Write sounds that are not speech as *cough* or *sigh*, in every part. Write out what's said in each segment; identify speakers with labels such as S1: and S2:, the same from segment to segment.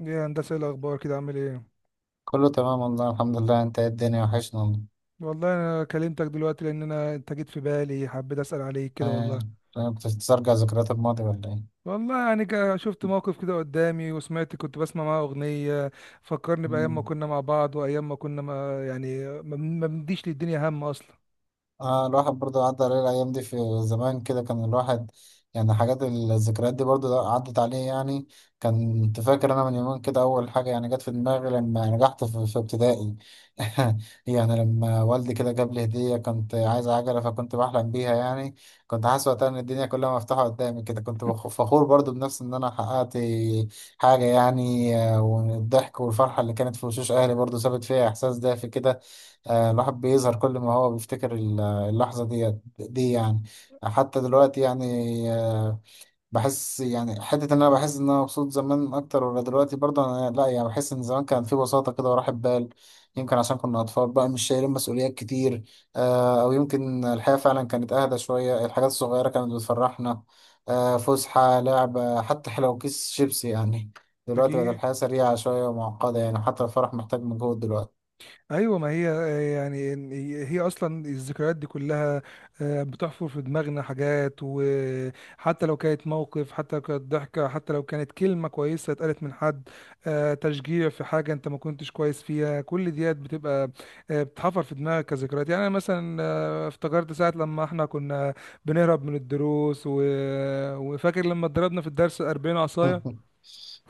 S1: يا هندسة إيه الأخبار كده عامل إيه؟
S2: كله تمام والله، الحمد لله. انت ايه؟ الدنيا وحشنا والله.
S1: والله أنا كلمتك دلوقتي لأن أنت جيت في بالي حبيت أسأل عليك كده
S2: آه،
S1: والله.
S2: بتسترجع ذكريات الماضي ولا ايه؟
S1: والله يعني شفت موقف كده قدامي وسمعت كنت بسمع معاه أغنية فكرني بأيام ما
S2: مم.
S1: كنا مع بعض وأيام ما كنا ما يعني ما بنديش للدنيا هم أصلا.
S2: الواحد برضه عدى عليه الأيام دي في زمان كده. كان الواحد يعني حاجات الذكريات دي برضه عدت عليه، يعني كنت فاكر أنا من يومين كده. أول حاجة يعني جت في دماغي لما نجحت في ابتدائي. *laughs* يعني لما والدي كده جاب لي هدية، كنت عايز عجلة فكنت بحلم بيها يعني. كنت حاسس وقتها إن الدنيا كلها مفتوحة قدامي كده، كنت فخور برضه بنفسي إن أنا حققت حاجة يعني. والضحك والفرحة اللي كانت في وشوش أهلي برضه سابت فيها إحساس دافي كده. الواحد بيظهر كل ما هو بيفتكر اللحظة دي يعني. حتى دلوقتي يعني بحس يعني حتة إن أنا بحس إن أنا مبسوط زمان أكتر ولا دلوقتي، برضه أنا لأ يعني. بحس إن زمان كان في بساطة كده وراحة بال. يمكن عشان كنا أطفال بقى، مش شايلين مسؤوليات كتير. أو يمكن الحياة فعلا كانت أهدى شوية، الحاجات الصغيرة كانت بتفرحنا. فسحة، لعبة، حتى لو كيس شيبسي يعني. دلوقتي بقت
S1: أكيد
S2: الحياة سريعة شوية ومعقدة، يعني حتى الفرح محتاج مجهود دلوقتي.
S1: ايوه ما هي، آه، يعني هي اصلا الذكريات دي كلها بتحفر في دماغنا حاجات، وحتى لو كانت موقف، حتى لو كانت ضحكه، حتى لو كانت كلمه كويسه اتقالت من حد، تشجيع في حاجه انت ما كنتش كويس فيها، كل ديت بتبقى بتحفر في دماغك كذكريات. يعني انا مثلا افتكرت ساعه لما احنا كنا بنهرب من الدروس وفاكر لما اتضربنا في الدرس 40 عصايه
S2: *laughs*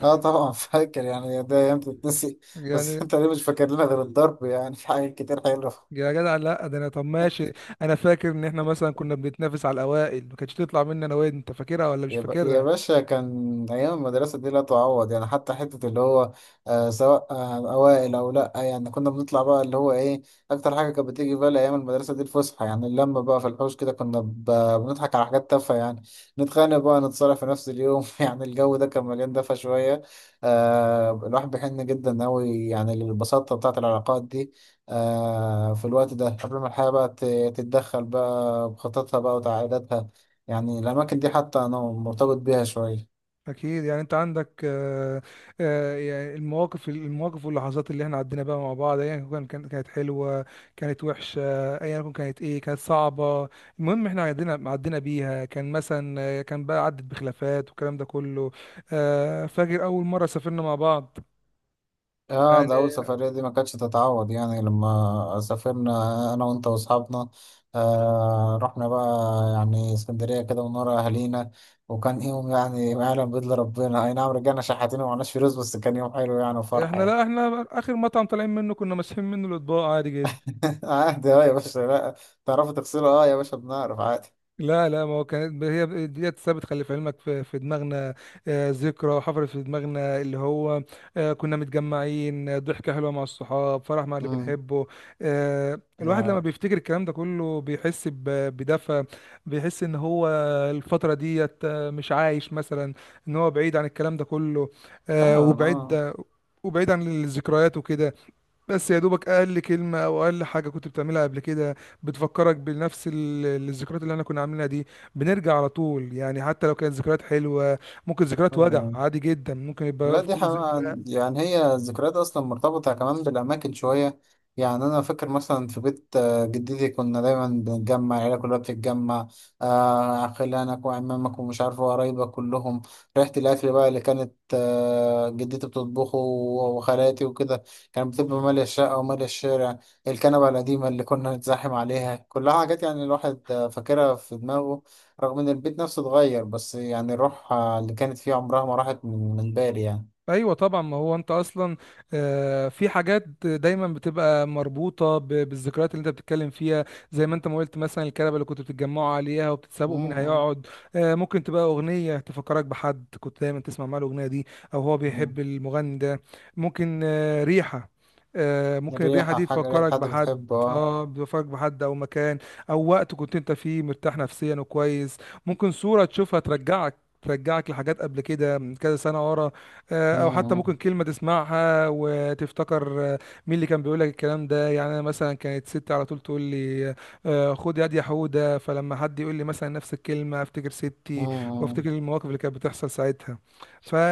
S2: اه طبعا فاكر، يعني ده ايام تتنسي. بس
S1: يعني.
S2: انت ليه مش فاكر لنا غير الضرب؟ يعني في حاجات كتير حلوه.
S1: يا جدع لا، ده انا طب ماشي، انا فاكر ان احنا مثلا كنا بنتنافس على الاوائل ما كانتش تطلع مني انا، وين انت فاكرها ولا مش
S2: يا
S1: فاكرها؟
S2: باشا، كان أيام المدرسة دي لا تعوض يعني، حتى حتة اللي هو سواء أوائل أو لأ، يعني كنا بنطلع بقى اللي هو إيه. أكتر حاجة كانت بتيجي في بالي أيام المدرسة دي الفسحة، يعني اللمة بقى في الحوش كده، كنا بنضحك على حاجات تافهة يعني. نتخانق بقى، نتصالح في نفس اليوم. *laughs* يعني الجو ده كان مليان دفا شوية. الواحد بيحن جدا أوي يعني للبساطة بتاعة العلاقات دي. في الوقت ده، قبل ما الحياة بقى تتدخل بقى بخططها بقى وتعقيداتها. يعني الأماكن دي حتى أنا مرتبط بيها شوية.
S1: اكيد. يعني انت عندك، آه، يعني المواقف، المواقف واللحظات اللي احنا عدينا بقى مع بعض ايا كان كانت حلوه، كانت وحشه، ايا كان كانت ايه، كانت صعبه، المهم احنا عدينا بيها. كان مثلا كان بقى عدت بخلافات والكلام ده كله. فاكر اول مره سافرنا مع بعض
S2: اه، ده
S1: يعني.
S2: أول سفرية دي ما كانتش تتعوض، يعني لما سافرنا أنا وأنت وأصحابنا. رحنا بقى يعني اسكندرية كده من ورا أهالينا. وكان يوم يعني ما يعلم بإلا ربنا، أي نعم رجعنا شحاتين ومعناش فلوس، بس كان يوم حلو يعني وفرحة
S1: احنا
S2: يعني.
S1: لا احنا اخر مطعم طالعين منه كنا ماسحين منه الاطباق عادي جدا.
S2: *laughs* عادي، اه يا باشا. لا، تعرفوا تغسلوا؟ اه يا باشا، بنعرف عادي.
S1: لا لا ما هو كانت هي ديت ثابت، خلي في علمك، في دماغنا ذكرى حفرت في دماغنا اللي هو كنا متجمعين، ضحكة حلوة مع الصحاب، فرح مع اللي
S2: امم.
S1: بنحبه.
S2: ده
S1: الواحد لما
S2: حقيقي.
S1: بيفتكر الكلام ده كله بيحس بدفى، بيحس ان هو الفترة ديت مش عايش مثلا، ان هو بعيد عن الكلام ده كله
S2: فعلا. اه.
S1: وبعيد، وبعيد عن الذكريات وكده. بس يا دوبك اقل كلمه او اقل حاجه كنت بتعملها قبل كده بتفكرك بنفس الذكريات اللي احنا كنا عاملينها دي، بنرجع على طول يعني. حتى لو كانت ذكريات حلوه، ممكن ذكريات
S2: أيوه،
S1: وجع
S2: أيوه.
S1: عادي جدا، ممكن
S2: لا
S1: يبقى
S2: دي
S1: فوق.
S2: حقيقة، يعني هي الذكريات أصلا مرتبطة كمان بالأماكن شوية. يعني أنا فاكر مثلا في بيت جدتي كنا دايما بنتجمع، العيلة كلها بتتجمع، خلانك وعمامك ومش عارف وقرايبك كلهم. ريحة الأكل بقى اللي كانت جدتي بتطبخه وخالاتي وكده، كانت بتبقى مالية الشقة ومالية الشارع. الكنبة القديمة اللي كنا نتزاحم عليها، كلها حاجات يعني الواحد فاكرها في دماغه. رغم إن البيت نفسه اتغير، بس يعني الروح اللي كانت فيه عمرها ما راحت من بالي يعني.
S1: ايوه طبعا ما هو انت اصلا في حاجات دايما بتبقى مربوطه بالذكريات اللي انت بتتكلم فيها، زي ما انت ما قلت مثلا الكنبه اللي كنتوا بتتجمعوا عليها وبتتسابقوا مين
S2: مم.
S1: هيقعد. ممكن تبقى اغنيه تفكرك بحد كنت دايما تسمع معاه الاغنيه دي، او هو
S2: مم.
S1: بيحب المغني ده. ممكن ريحه، ممكن الريحه
S2: ريحة
S1: دي
S2: حاجة، ريحة
S1: تفكرك
S2: حد
S1: بحد.
S2: بتحبه، اه.
S1: اه بتفكرك بحد او مكان او وقت كنت انت فيه مرتاح نفسيا وكويس. ممكن صوره تشوفها ترجعك، ترجعك لحاجات قبل كده من كذا سنه ورا، او حتى
S2: مم.
S1: ممكن كلمه تسمعها وتفتكر مين اللي كان بيقول لك الكلام ده. يعني انا مثلا كانت ستي على طول تقول لي خد يد يا حوده، فلما حد يقول لي مثلا نفس الكلمه افتكر ستي وافتكر
S2: مم.
S1: المواقف اللي كانت بتحصل ساعتها.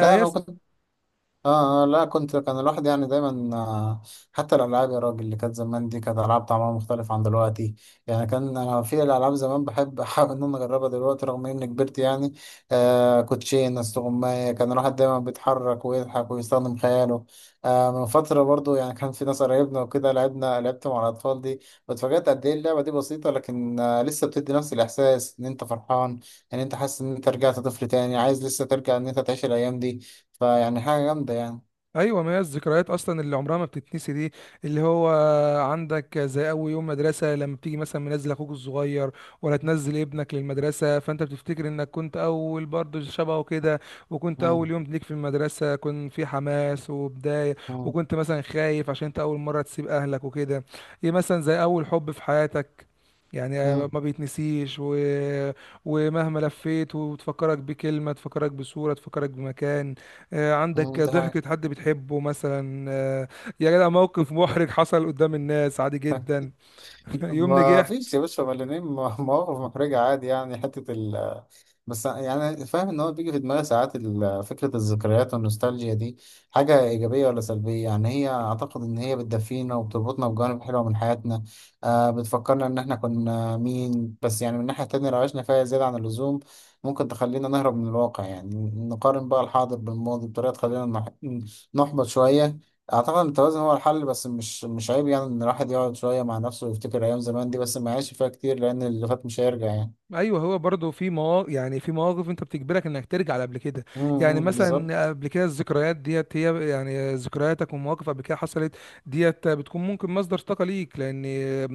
S2: لا، أنا كنت. اه، اه، لا كنت. كان الواحد يعني دايما حتى الالعاب يا راجل اللي كانت زمان دي كانت العاب طعمها مختلف عن دلوقتي. يعني كان انا في الالعاب زمان بحب *laughs* احاول ان انا اجربها دلوقتي رغم اني كبرت يعني. كوتشين، استغماية، كان الواحد دايما بيتحرك ويضحك ويستخدم خياله. من فترة برضو يعني كان في ناس قرايبنا وكده، لعبنا، لعبت مع الاطفال دي، واتفاجأت قد ايه اللعبة دي بسيطة، لكن لسه بتدي نفس الاحساس ان انت فرحان، ان انت حاسس ان انت رجعت طفل تاني عايز لسه ترجع، ان انت تعيش الايام دي. فيعني حاجة جامدة يعني.
S1: ايوه ما هي الذكريات اصلا اللي عمرها ما بتتنسي دي، اللي هو عندك زي اول يوم مدرسه لما بتيجي مثلا منزل اخوك الصغير ولا تنزل ابنك للمدرسه، فانت بتفتكر انك كنت اول برضه شبهه كده، وكنت اول
S2: مم.
S1: يوم ليك في المدرسه كنت في حماس وبدايه،
S2: مم.
S1: وكنت مثلا خايف عشان انت اول مره تسيب اهلك وكده. ايه مثلا زي اول حب في حياتك يعني
S2: مم.
S1: ما بيتنسيش. ومهما لفيت وتفكرك بكلمة، تفكرك بصورة، تفكرك بمكان، عندك
S2: مم. *laughs* ده حاجة.
S1: ضحكة حد بتحبه مثلا. يا جدع موقف محرج حصل قدام الناس عادي جدا، *laughs* يوم
S2: ما
S1: نجاح.
S2: فيش يا باشا، مليانين *laughs* مواقف محرجة عادي، يعني حتة ال. بس يعني فاهم إن هو بيجي في دماغي ساعات فكرة الذكريات والنوستالجيا دي، حاجة إيجابية ولا سلبية؟ يعني هي أعتقد إن هي بتدفينا وبتربطنا بجوانب حلوة من حياتنا. بتفكرنا إن إحنا كنا مين، بس يعني من ناحية تانية لو عشنا فيها زيادة عن اللزوم ممكن تخلينا نهرب من الواقع، يعني نقارن بقى الحاضر بالماضي بطريقة تخلينا نحبط شوية. اعتقد ان التوازن هو الحل، بس مش عيب يعني ان الواحد يقعد شويه مع نفسه ويفتكر ايام زمان دي، بس ما يعيش فيها كتير لان اللي فات مش هيرجع يعني.
S1: ايوه هو برضه في مواقف، يعني في مواقف انت بتجبرك انك ترجع لقبل كده. يعني
S2: امم، بالظبط.
S1: مثلا قبل كده الذكريات ديت هي يعني ذكرياتك ومواقف قبل كده حصلت، ديت بتكون ممكن مصدر طاقه ليك، لان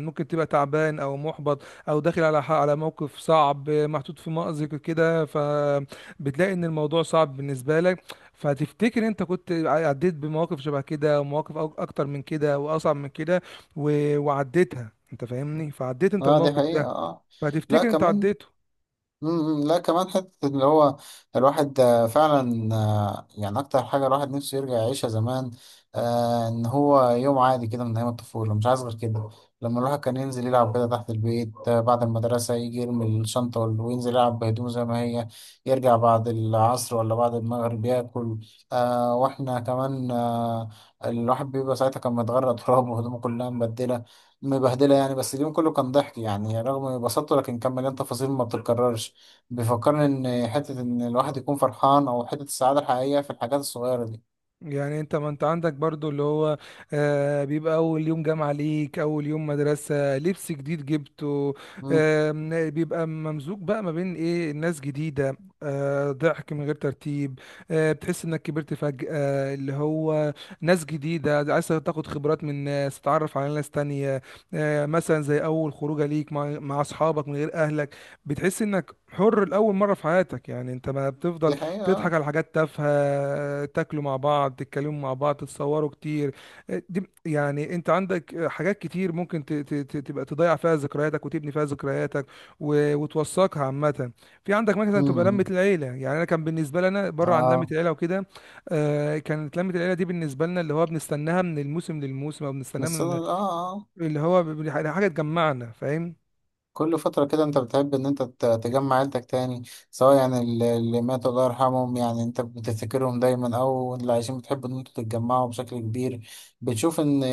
S1: ممكن تبقى تعبان او محبط او داخل على على موقف صعب، محطوط في مأزق كده، فبتلاقي ان الموضوع صعب بالنسبه لك، فتفتكر انت كنت عديت بمواقف شبه كده، ومواقف اكتر من كده واصعب من كده وعديتها، انت فاهمني، فعديت انت
S2: اه، دي
S1: الموقف
S2: حقيقه،
S1: ده،
S2: اه. لا
S1: فهتفتكر انت
S2: كمان.
S1: عديته.
S2: لا كمان حتة اللي هو الواحد فعلا يعني أكتر حاجة الواحد نفسه يرجع يعيشها زمان، إن هو يوم عادي كده من أيام الطفولة، مش عايز غير كده. لما الواحد كان ينزل يلعب كده تحت البيت بعد المدرسة يجي يرمي الشنطة وينزل يلعب بهدومه زي ما هي، يرجع بعد العصر ولا بعد المغرب ياكل. وإحنا كمان الواحد بيبقى ساعتها كان متغرق تراب، وهدومه *laughs* كلها مبدلة، مبهدلة يعني. بس اليوم كله كان ضحك، يعني رغم بساطته لكن كان مليان تفاصيل ما بتتكررش. بيفكرني ان حته ان الواحد يكون فرحان، او حته السعاده الحقيقيه في الحاجات الصغيره دي.
S1: يعني انت ما انت عندك برضو اللي هو آه بيبقى اول يوم جامعة ليك، اول يوم مدرسة، لبس جديد جبته،
S2: امم.
S1: آه بيبقى ممزوج بقى ما بين ايه، الناس جديدة، آه ضحك من غير ترتيب، آه بتحس انك كبرت فجأة، اللي هو ناس جديدة عايز تاخد خبرات من ناس، تتعرف على ناس تانية، آه مثلا زي اول خروجة ليك مع اصحابك من غير اهلك، بتحس انك حر لأول مرة في حياتك. يعني انت ما بتفضل
S2: دي حقيقه،
S1: تضحك
S2: اه.
S1: على حاجات تافهة، تاكلوا مع بعض، تتكلموا مع بعض، تتصوروا كتير. دي يعني انت عندك حاجات كتير ممكن تبقى تضيع فيها ذكرياتك وتبني فيها ذكرياتك وتوثقها عامة. في عندك مثلا تبقى لمة
S2: امم.
S1: العيلة، يعني انا كان بالنسبة لنا بره عن لمة
S2: اه.
S1: العيلة وكده. كانت لمة العيلة دي بالنسبة لنا اللي هو بنستناها من الموسم للموسم، او بنستناها
S2: بس
S1: من
S2: اه. آه.
S1: اللي هو حاجة تجمعنا، فاهم.
S2: كل فترة كده انت بتحب ان انت تجمع عيلتك تاني، سواء يعني اللي ماتوا الله يرحمهم، يعني انت بتفتكرهم دايما، او اللي عايشين بتحب ان انتوا تتجمعوا بشكل كبير. بتشوف ان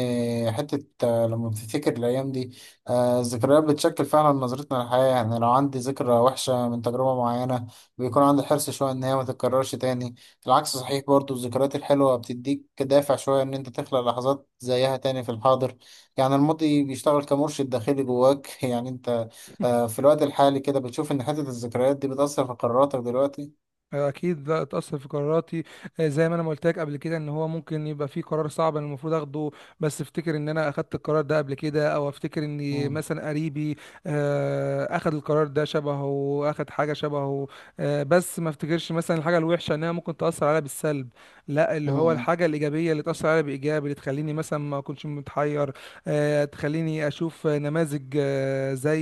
S2: حتة لما بتفتكر الايام دي الذكريات بتشكل فعلا نظرتنا للحياة. يعني لو عندي ذكرى وحشة من تجربة معينة، بيكون عندي حرص شوية ان هي ما تتكررش تاني. العكس صحيح برضو، الذكريات الحلوة بتديك دافع شوية ان انت تخلق لحظات زيها تاني في الحاضر. يعني الماضي بيشتغل كمرشد داخلي جواك. *laughs* يعني انت في الوقت الحالي كده بتشوف إن حتة الذكريات دي بتأثر في قراراتك دلوقتي؟
S1: اكيد لا اتاثر في قراراتي. زي ما انا ما قلت لك قبل كده ان هو ممكن يبقى في قرار صعب انا المفروض اخده، بس افتكر ان انا اخدت القرار ده قبل كده، او افتكر ان
S2: مم.
S1: مثلا قريبي اخد القرار ده شبهه، اخد حاجه شبهه. بس ما افتكرش مثلا الحاجه الوحشه انها ممكن تاثر عليا بالسلب، لا اللي هو
S2: مم.
S1: الحاجه الايجابيه اللي تاثر عليا بايجابي، اللي تخليني مثلا ما اكونش متحير. تخليني اشوف نماذج، آه، زي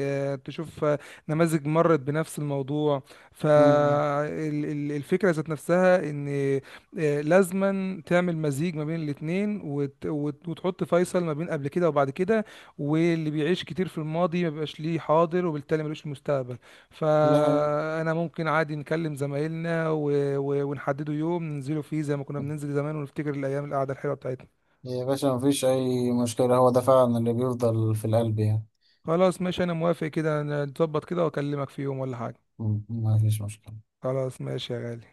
S1: آه، تشوف آه، نماذج مرت بنفس الموضوع.
S2: مم.
S1: فالفكرة ذات نفسها ان لازما تعمل مزيج ما بين الاتنين وتحط فيصل ما بين قبل كده وبعد كده. واللي بيعيش كتير في الماضي ما بيبقاش ليه حاضر وبالتالي ملوش مستقبل.
S2: ده حقيقي.
S1: فانا ممكن عادي نكلم زمايلنا ونحددوا يوم ننزلوا فيه زي ما كنا بننزل زمان ونفتكر الايام القعدة الحلوة بتاعتنا.
S2: يا باشا مفيش أي مشكلة، هو ده فعلا اللي بيفضل في القلب يعني.
S1: خلاص ماشي انا موافق كده، نتظبط كده واكلمك في يوم ولا حاجة.
S2: مم. مفيش مشكلة.
S1: خلاص ماشي يا غالي.